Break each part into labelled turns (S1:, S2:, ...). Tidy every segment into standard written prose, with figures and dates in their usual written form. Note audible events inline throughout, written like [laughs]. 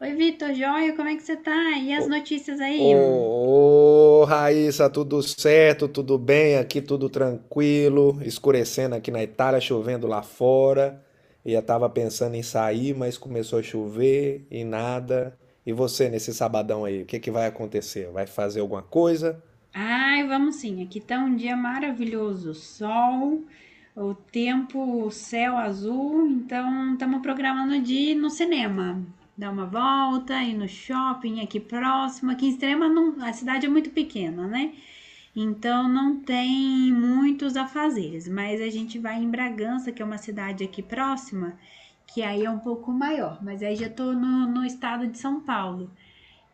S1: Oi, Vitor, joia, como é que você tá? E as
S2: Ô,
S1: notícias aí?
S2: ô, Raíssa, tudo certo? Tudo bem? Aqui tudo tranquilo. Escurecendo aqui na Itália, chovendo lá fora. E eu tava pensando em sair, mas começou a chover e nada. E você nesse sabadão aí, o que que vai acontecer? Vai fazer alguma coisa?
S1: Ai, vamos sim, aqui tá um dia maravilhoso, sol, o tempo, o céu azul, então estamos programando de ir no cinema, dar uma volta, ir no shopping aqui próximo, aqui em Extrema a cidade é muito pequena, né? Então não tem muitos afazeres, mas a gente vai em Bragança, que é uma cidade aqui próxima, que aí é um pouco maior, mas aí já tô no estado de São Paulo.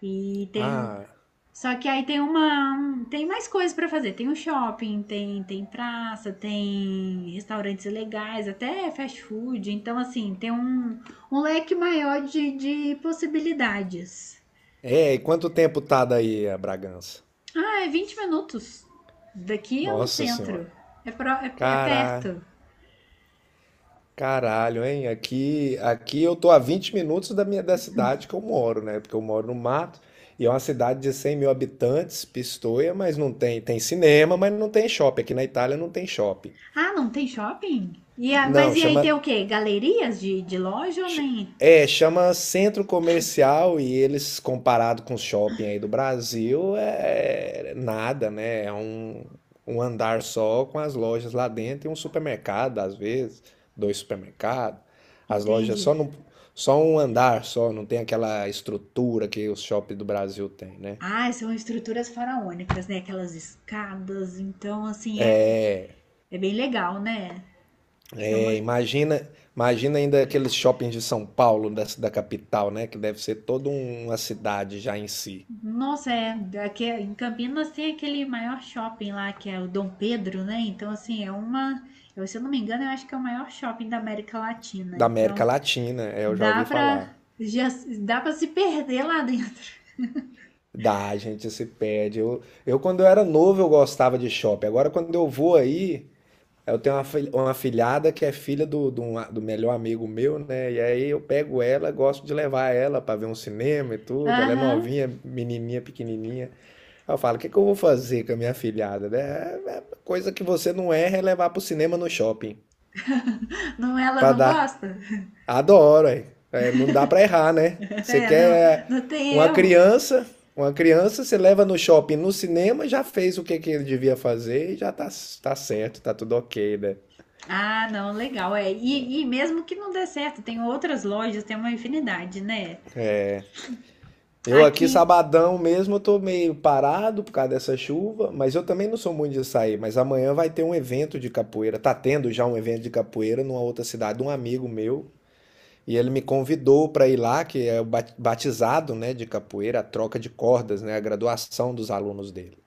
S1: E tem um.
S2: Ah,
S1: Só que aí tem Tem mais coisas pra fazer. Tem um shopping, tem, tem praça, tem restaurantes legais, até fast food. Então, assim, tem um, um leque maior de possibilidades.
S2: é, e quanto tempo tá daí a Bragança?
S1: Ah, é 20 minutos. Daqui é no
S2: Nossa Senhora.
S1: centro. É, pro, é, é
S2: Caraca.
S1: perto.
S2: Caralho, hein? Aqui eu tô a 20 minutos da minha da cidade que eu moro, né? Porque eu moro no mato e é uma cidade de 100 mil habitantes, Pistoia, mas não tem, tem cinema, mas não tem shopping. Aqui na Itália não tem shopping.
S1: Ah, não tem shopping? E mas
S2: Não,
S1: e aí tem o quê? Galerias de loja ou
S2: Ch-
S1: nem?
S2: é, chama centro comercial e eles, comparado com o shopping aí do Brasil, é nada, né? Um andar só com as lojas lá dentro e um supermercado, às vezes, dois supermercados. As lojas só,
S1: Entende?
S2: no, só um andar só, não tem aquela estrutura que os shoppings do Brasil têm, né?
S1: Ah, são estruturas faraônicas, né? Aquelas escadas. Então, assim, é, é bem legal, né? É uma...
S2: É, imagina, imagina ainda aqueles shoppings de São Paulo, da capital, né? Que deve ser toda uma cidade já em si.
S1: Nossa, é, aqui, é, em Campinas tem aquele maior shopping lá, que é o Dom Pedro, né? Então, assim, é uma. Eu, se eu não me engano, eu acho que é o maior shopping da América Latina.
S2: Da América
S1: Então,
S2: Latina, é, eu já
S1: dá
S2: ouvi
S1: pra.
S2: falar.
S1: Já, dá pra se perder lá dentro.
S2: Dá, a gente se perde. Quando eu era novo, eu gostava de shopping. Agora, quando eu vou aí, eu tenho uma filhada que é filha do melhor amigo meu, né? E aí eu pego ela, gosto de levar ela pra ver um cinema e tudo. Ela é
S1: Aham.
S2: novinha, menininha, pequenininha. Aí eu falo, o que que eu vou fazer com a minha filhada, né? Coisa que você não erra é levar pro cinema no shopping.
S1: Não, ela
S2: Pra
S1: não
S2: dar
S1: gosta? [laughs]
S2: adoro, é. É, não dá pra errar, né? Você
S1: É, não,
S2: quer
S1: não tem
S2: uma
S1: erro.
S2: criança, uma criança, você leva no shopping, no cinema, já fez o que que ele devia fazer e já tá certo, tá tudo ok, né?
S1: Ah, não, legal. É. E, e mesmo que não dê certo, tem outras lojas, tem uma infinidade, né?
S2: Eu aqui,
S1: Aqui.
S2: sabadão mesmo, eu tô meio parado por causa dessa chuva, mas eu também não sou muito de sair. Mas amanhã vai ter um evento de capoeira. Tá tendo já um evento de capoeira numa outra cidade, um amigo meu. E ele me convidou para ir lá, que é o batizado, né, de capoeira, a troca de cordas, né, a graduação dos alunos dele.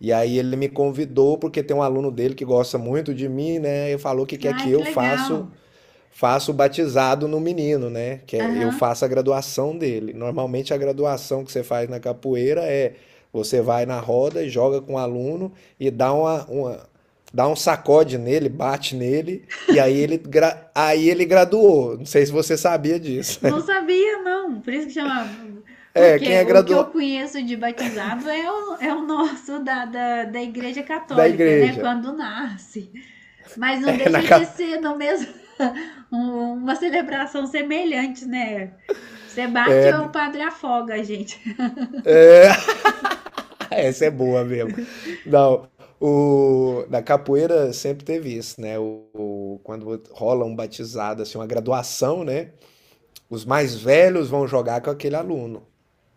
S2: E aí ele me convidou porque tem um aluno dele que gosta muito de mim, né? E falou que quer
S1: Ai,
S2: que
S1: que
S2: eu
S1: legal.
S2: faço faço o batizado no menino, né? Eu
S1: Aham.
S2: faça a graduação dele. Normalmente a graduação que você faz na capoeira é você vai na roda e joga com o aluno e dá dá um sacode nele, bate nele e aí aí ele graduou. Não sei se você sabia disso.
S1: Não
S2: [laughs]
S1: sabia, não. Por isso que chama.
S2: É, quem
S1: Porque
S2: é
S1: o que eu
S2: graduado
S1: conheço de batizado é o, é o nosso da Igreja
S2: da
S1: Católica, né?
S2: igreja.
S1: Quando nasce. Mas não
S2: É, na,
S1: deixa de
S2: ca-
S1: ser no mesmo [laughs] uma celebração semelhante, né? Você bate ou o padre afoga, a gente. [laughs]
S2: [laughs] Ah, essa é boa mesmo. Não, na capoeira sempre teve isso, né? Quando rola um batizado, assim, uma graduação, né? Os mais velhos vão jogar com aquele aluno.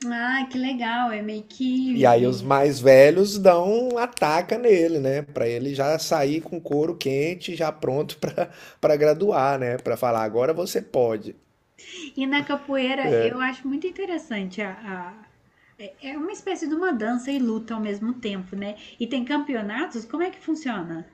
S1: Ah, que legal. É meio
S2: E aí os
S1: que
S2: mais velhos dão um ataca nele, né? Pra ele já sair com couro quente, já pronto [laughs] pra para graduar, né? Pra falar, agora você pode.
S1: E na capoeira eu acho muito interessante a, a- É uma espécie de uma dança e luta ao mesmo tempo, né? E tem campeonatos? Como é que funciona?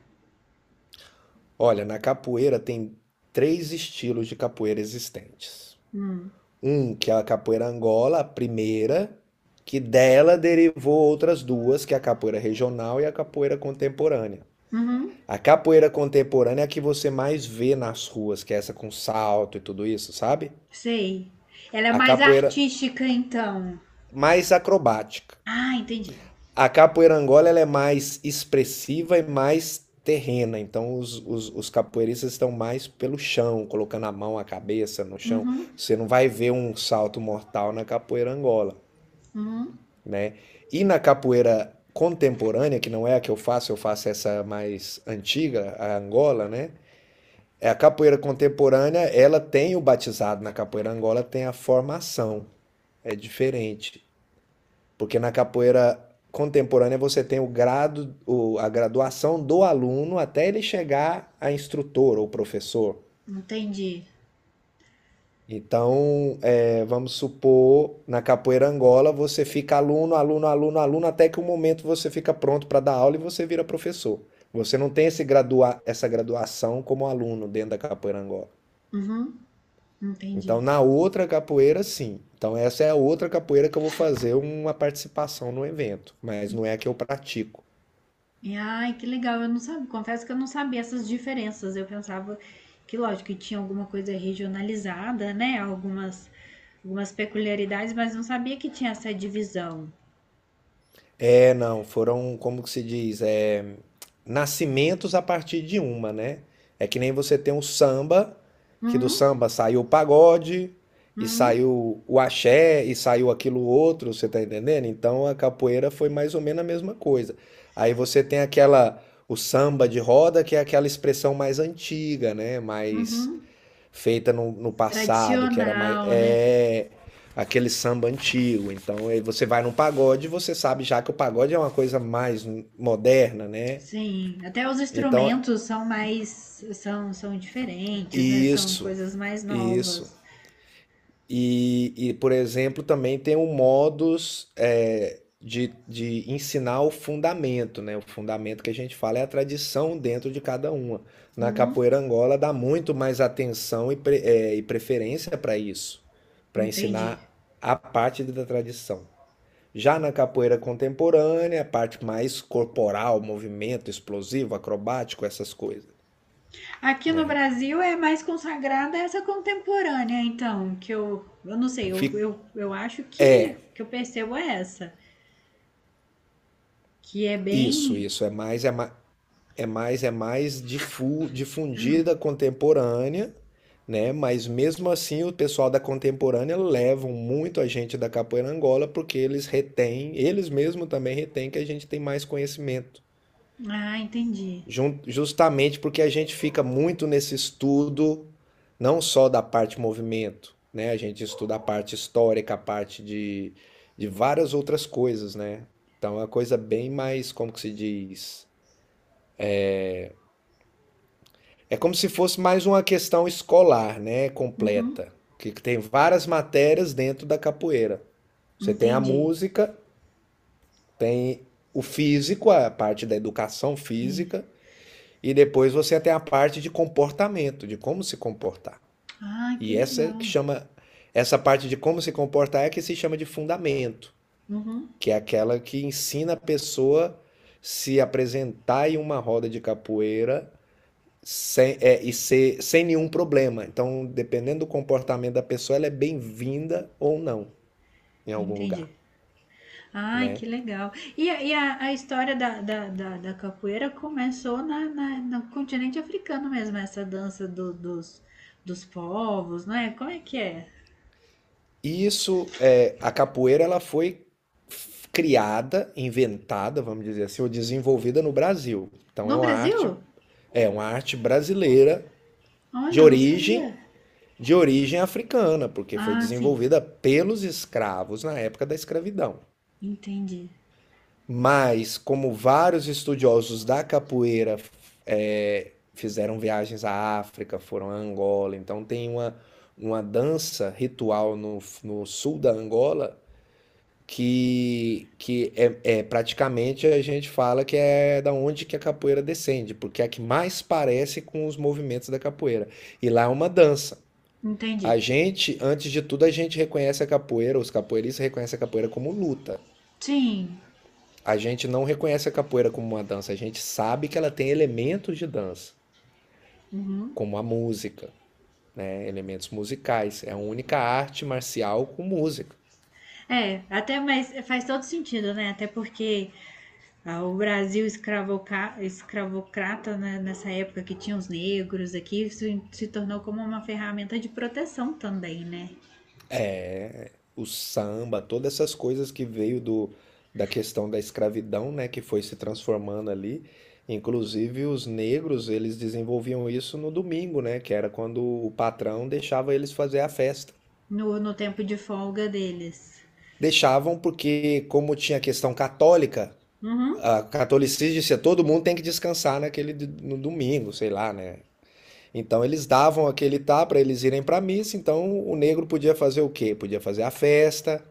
S2: Olha, na capoeira tem três estilos de capoeira existentes.
S1: Hum.
S2: Um, que é a capoeira Angola, a primeira, que dela derivou outras duas, que é a capoeira regional e a capoeira contemporânea.
S1: Uhum.
S2: A capoeira contemporânea é a que você mais vê nas ruas, que é essa com salto e tudo isso, sabe?
S1: Sei. Ela é
S2: A
S1: mais
S2: capoeira
S1: artística, então.
S2: mais acrobática.
S1: Ah, entendi.
S2: A capoeira Angola ela é mais expressiva e mais terrena, então os capoeiristas estão mais pelo chão, colocando a mão, a cabeça no chão.
S1: Uhum.
S2: Você não vai ver um salto mortal na capoeira Angola,
S1: Uhum.
S2: né? E na capoeira contemporânea, que não é a que eu faço essa mais antiga, a Angola, né? É a capoeira contemporânea, ela tem o batizado, na capoeira Angola tem a formação, é diferente, porque na capoeira contemporânea você tem a graduação do aluno até ele chegar a instrutor ou professor.
S1: Entendi.
S2: Então, vamos supor, na capoeira Angola, você fica aluno, aluno, aluno, aluno, até que o momento você fica pronto para dar aula e você vira professor. Você não tem esse gradua essa graduação como aluno dentro da capoeira Angola.
S1: Uhum.
S2: Então,
S1: Entendi.
S2: na outra capoeira, sim. Então, essa é a outra capoeira que eu vou fazer uma participação no evento, mas não é a que eu pratico.
S1: E, Ai, que legal, eu não sabia, confesso que eu não sabia essas diferenças. Eu pensava que, lógico, que tinha alguma coisa regionalizada, né? Algumas, algumas peculiaridades, mas não sabia que tinha essa divisão.
S2: É, não, foram, como que se diz, é, nascimentos a partir de uma, né? É que nem você tem o samba, que do
S1: Uhum,
S2: samba saiu o pagode, e
S1: uhum,
S2: saiu o axé, e saiu aquilo outro, você tá entendendo? Então a capoeira foi mais ou menos a mesma coisa. Aí você tem aquela, o samba de roda, que é aquela expressão mais antiga, né? Mais
S1: uhum.
S2: feita no passado, que era mais.
S1: Tradicional, né?
S2: É aquele samba antigo. Então aí você vai num pagode, você sabe já que o pagode é uma coisa mais moderna, né?
S1: Sim, até os
S2: Então,
S1: instrumentos são mais, são, são diferentes, né? São
S2: isso,
S1: coisas mais
S2: isso.
S1: novas.
S2: E por exemplo, também tem o modus de ensinar o fundamento, né? O fundamento que a gente fala é a tradição dentro de cada uma. Na
S1: Uhum,
S2: capoeira Angola dá muito mais atenção e preferência para isso, para
S1: entendi.
S2: ensinar a parte da tradição. Já na capoeira contemporânea, a parte mais corporal, movimento explosivo, acrobático, essas coisas,
S1: Aqui no
S2: né?
S1: Brasil é mais consagrada essa contemporânea, então, que eu não sei,
S2: Fi-
S1: eu acho
S2: é,
S1: que eu percebo é essa, que é
S2: isso,
S1: bem.
S2: isso é mais, é mais. É mais difundida contemporânea, né? Mas mesmo assim o pessoal da contemporânea levam muito a gente da capoeira Angola porque eles retêm, eles mesmos também retêm que a gente tem mais conhecimento.
S1: Ah, entendi.
S2: Justamente porque a gente fica muito nesse estudo não só da parte movimento, né? A gente estuda a parte histórica, de várias outras coisas, né? Então é uma coisa bem mais, como que se diz? É como se fosse mais uma questão escolar, né?
S1: Uhum,
S2: Completa. Que tem várias matérias dentro da capoeira. Você tem a
S1: entendi.
S2: música, tem o físico, a parte da educação
S1: Sim.
S2: física, e depois você tem a parte de comportamento, de como se comportar.
S1: Ah, que
S2: E essa que
S1: legal.
S2: chama, essa parte de como se comportar é que se chama de fundamento,
S1: Uhum,
S2: que é aquela que ensina a pessoa se apresentar em uma roda de capoeira sem, é, e ser, sem nenhum problema. Então, dependendo do comportamento da pessoa, ela é bem-vinda ou não em algum
S1: entendi.
S2: lugar,
S1: Ai, que
S2: né?
S1: legal. E a história da capoeira começou na, na, no continente africano mesmo, essa dança dos, dos povos, né? Como é que é?
S2: E isso, é, a capoeira, ela foi criada, inventada, vamos dizer assim, ou desenvolvida no Brasil. Então,
S1: No Brasil?
S2: é uma arte brasileira de
S1: Olha, eu não sabia.
S2: origem de origem africana, porque foi
S1: Ah, sim.
S2: desenvolvida pelos escravos na época da escravidão.
S1: Entendi.
S2: Mas, como vários estudiosos da capoeira, fizeram viagens à África, foram a Angola, então tem uma dança ritual no sul da Angola que, é praticamente a gente fala que é da onde que a capoeira descende, porque é a que mais parece com os movimentos da capoeira. E lá é uma dança. A
S1: Entendi.
S2: gente, antes de tudo, a gente reconhece a capoeira, os capoeiristas reconhecem a capoeira como luta.
S1: Sim.
S2: A gente não reconhece a capoeira como uma dança, a gente sabe que ela tem elementos de dança,
S1: Uhum.
S2: como a música, né? Elementos musicais. É a única arte marcial com música.
S1: É, até mas faz todo sentido, né? Até porque ah, o Brasil escravocrata, né, nessa época que tinha os negros aqui, se tornou como uma ferramenta de proteção também, né?
S2: É o samba, todas essas coisas que veio da questão da escravidão, né? Que foi se transformando ali. Inclusive os negros, eles desenvolviam isso no domingo, né? Que era quando o patrão deixava eles fazer a festa.
S1: No, no tempo de folga deles.
S2: Deixavam porque, como tinha questão católica,
S1: Uhum.
S2: a catolicismo dizia, todo mundo tem que descansar no domingo, sei lá, né? Então eles davam aquele tá para eles irem para missa, então o negro podia fazer o quê? Podia fazer a festa.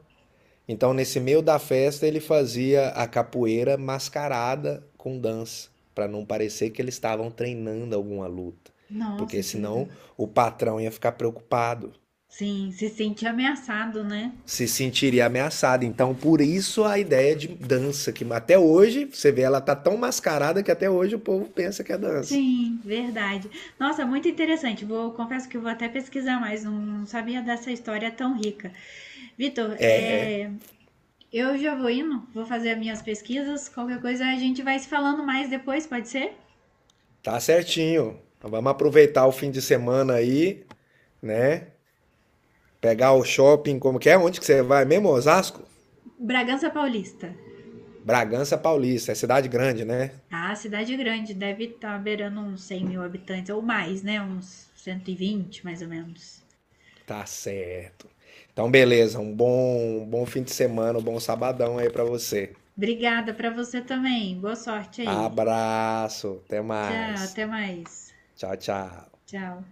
S2: Então nesse meio da festa ele fazia a capoeira mascarada com dança, para não parecer que eles estavam treinando alguma luta, porque
S1: Nossa, que legal.
S2: senão o patrão ia ficar preocupado.
S1: Sim, se sente ameaçado, né?
S2: Se sentiria ameaçada. Então, por isso a ideia de dança, que até hoje, você vê, ela tá tão mascarada que até hoje o povo pensa que é dança.
S1: Sim, verdade. Nossa, muito interessante. Vou, confesso que vou até pesquisar mais, não, não sabia dessa história tão rica. Vitor,
S2: É,
S1: é, eu já vou indo, vou fazer as minhas pesquisas. Qualquer coisa a gente vai se falando mais depois, pode ser?
S2: tá certinho. Então, vamos aproveitar o fim de semana aí, né? Pegar o shopping, como que é? Onde que você vai mesmo, Osasco?
S1: Bragança Paulista.
S2: Bragança Paulista, é cidade grande, né?
S1: Ah, cidade grande, deve estar beirando uns 100 mil habitantes ou mais, né? Uns 120 mais ou menos.
S2: Tá certo. Então, beleza, um bom fim de semana, um bom sabadão aí pra você.
S1: Obrigada para você também. Boa sorte aí.
S2: Abraço, até
S1: Tchau,
S2: mais.
S1: até mais.
S2: Tchau, tchau.
S1: Tchau.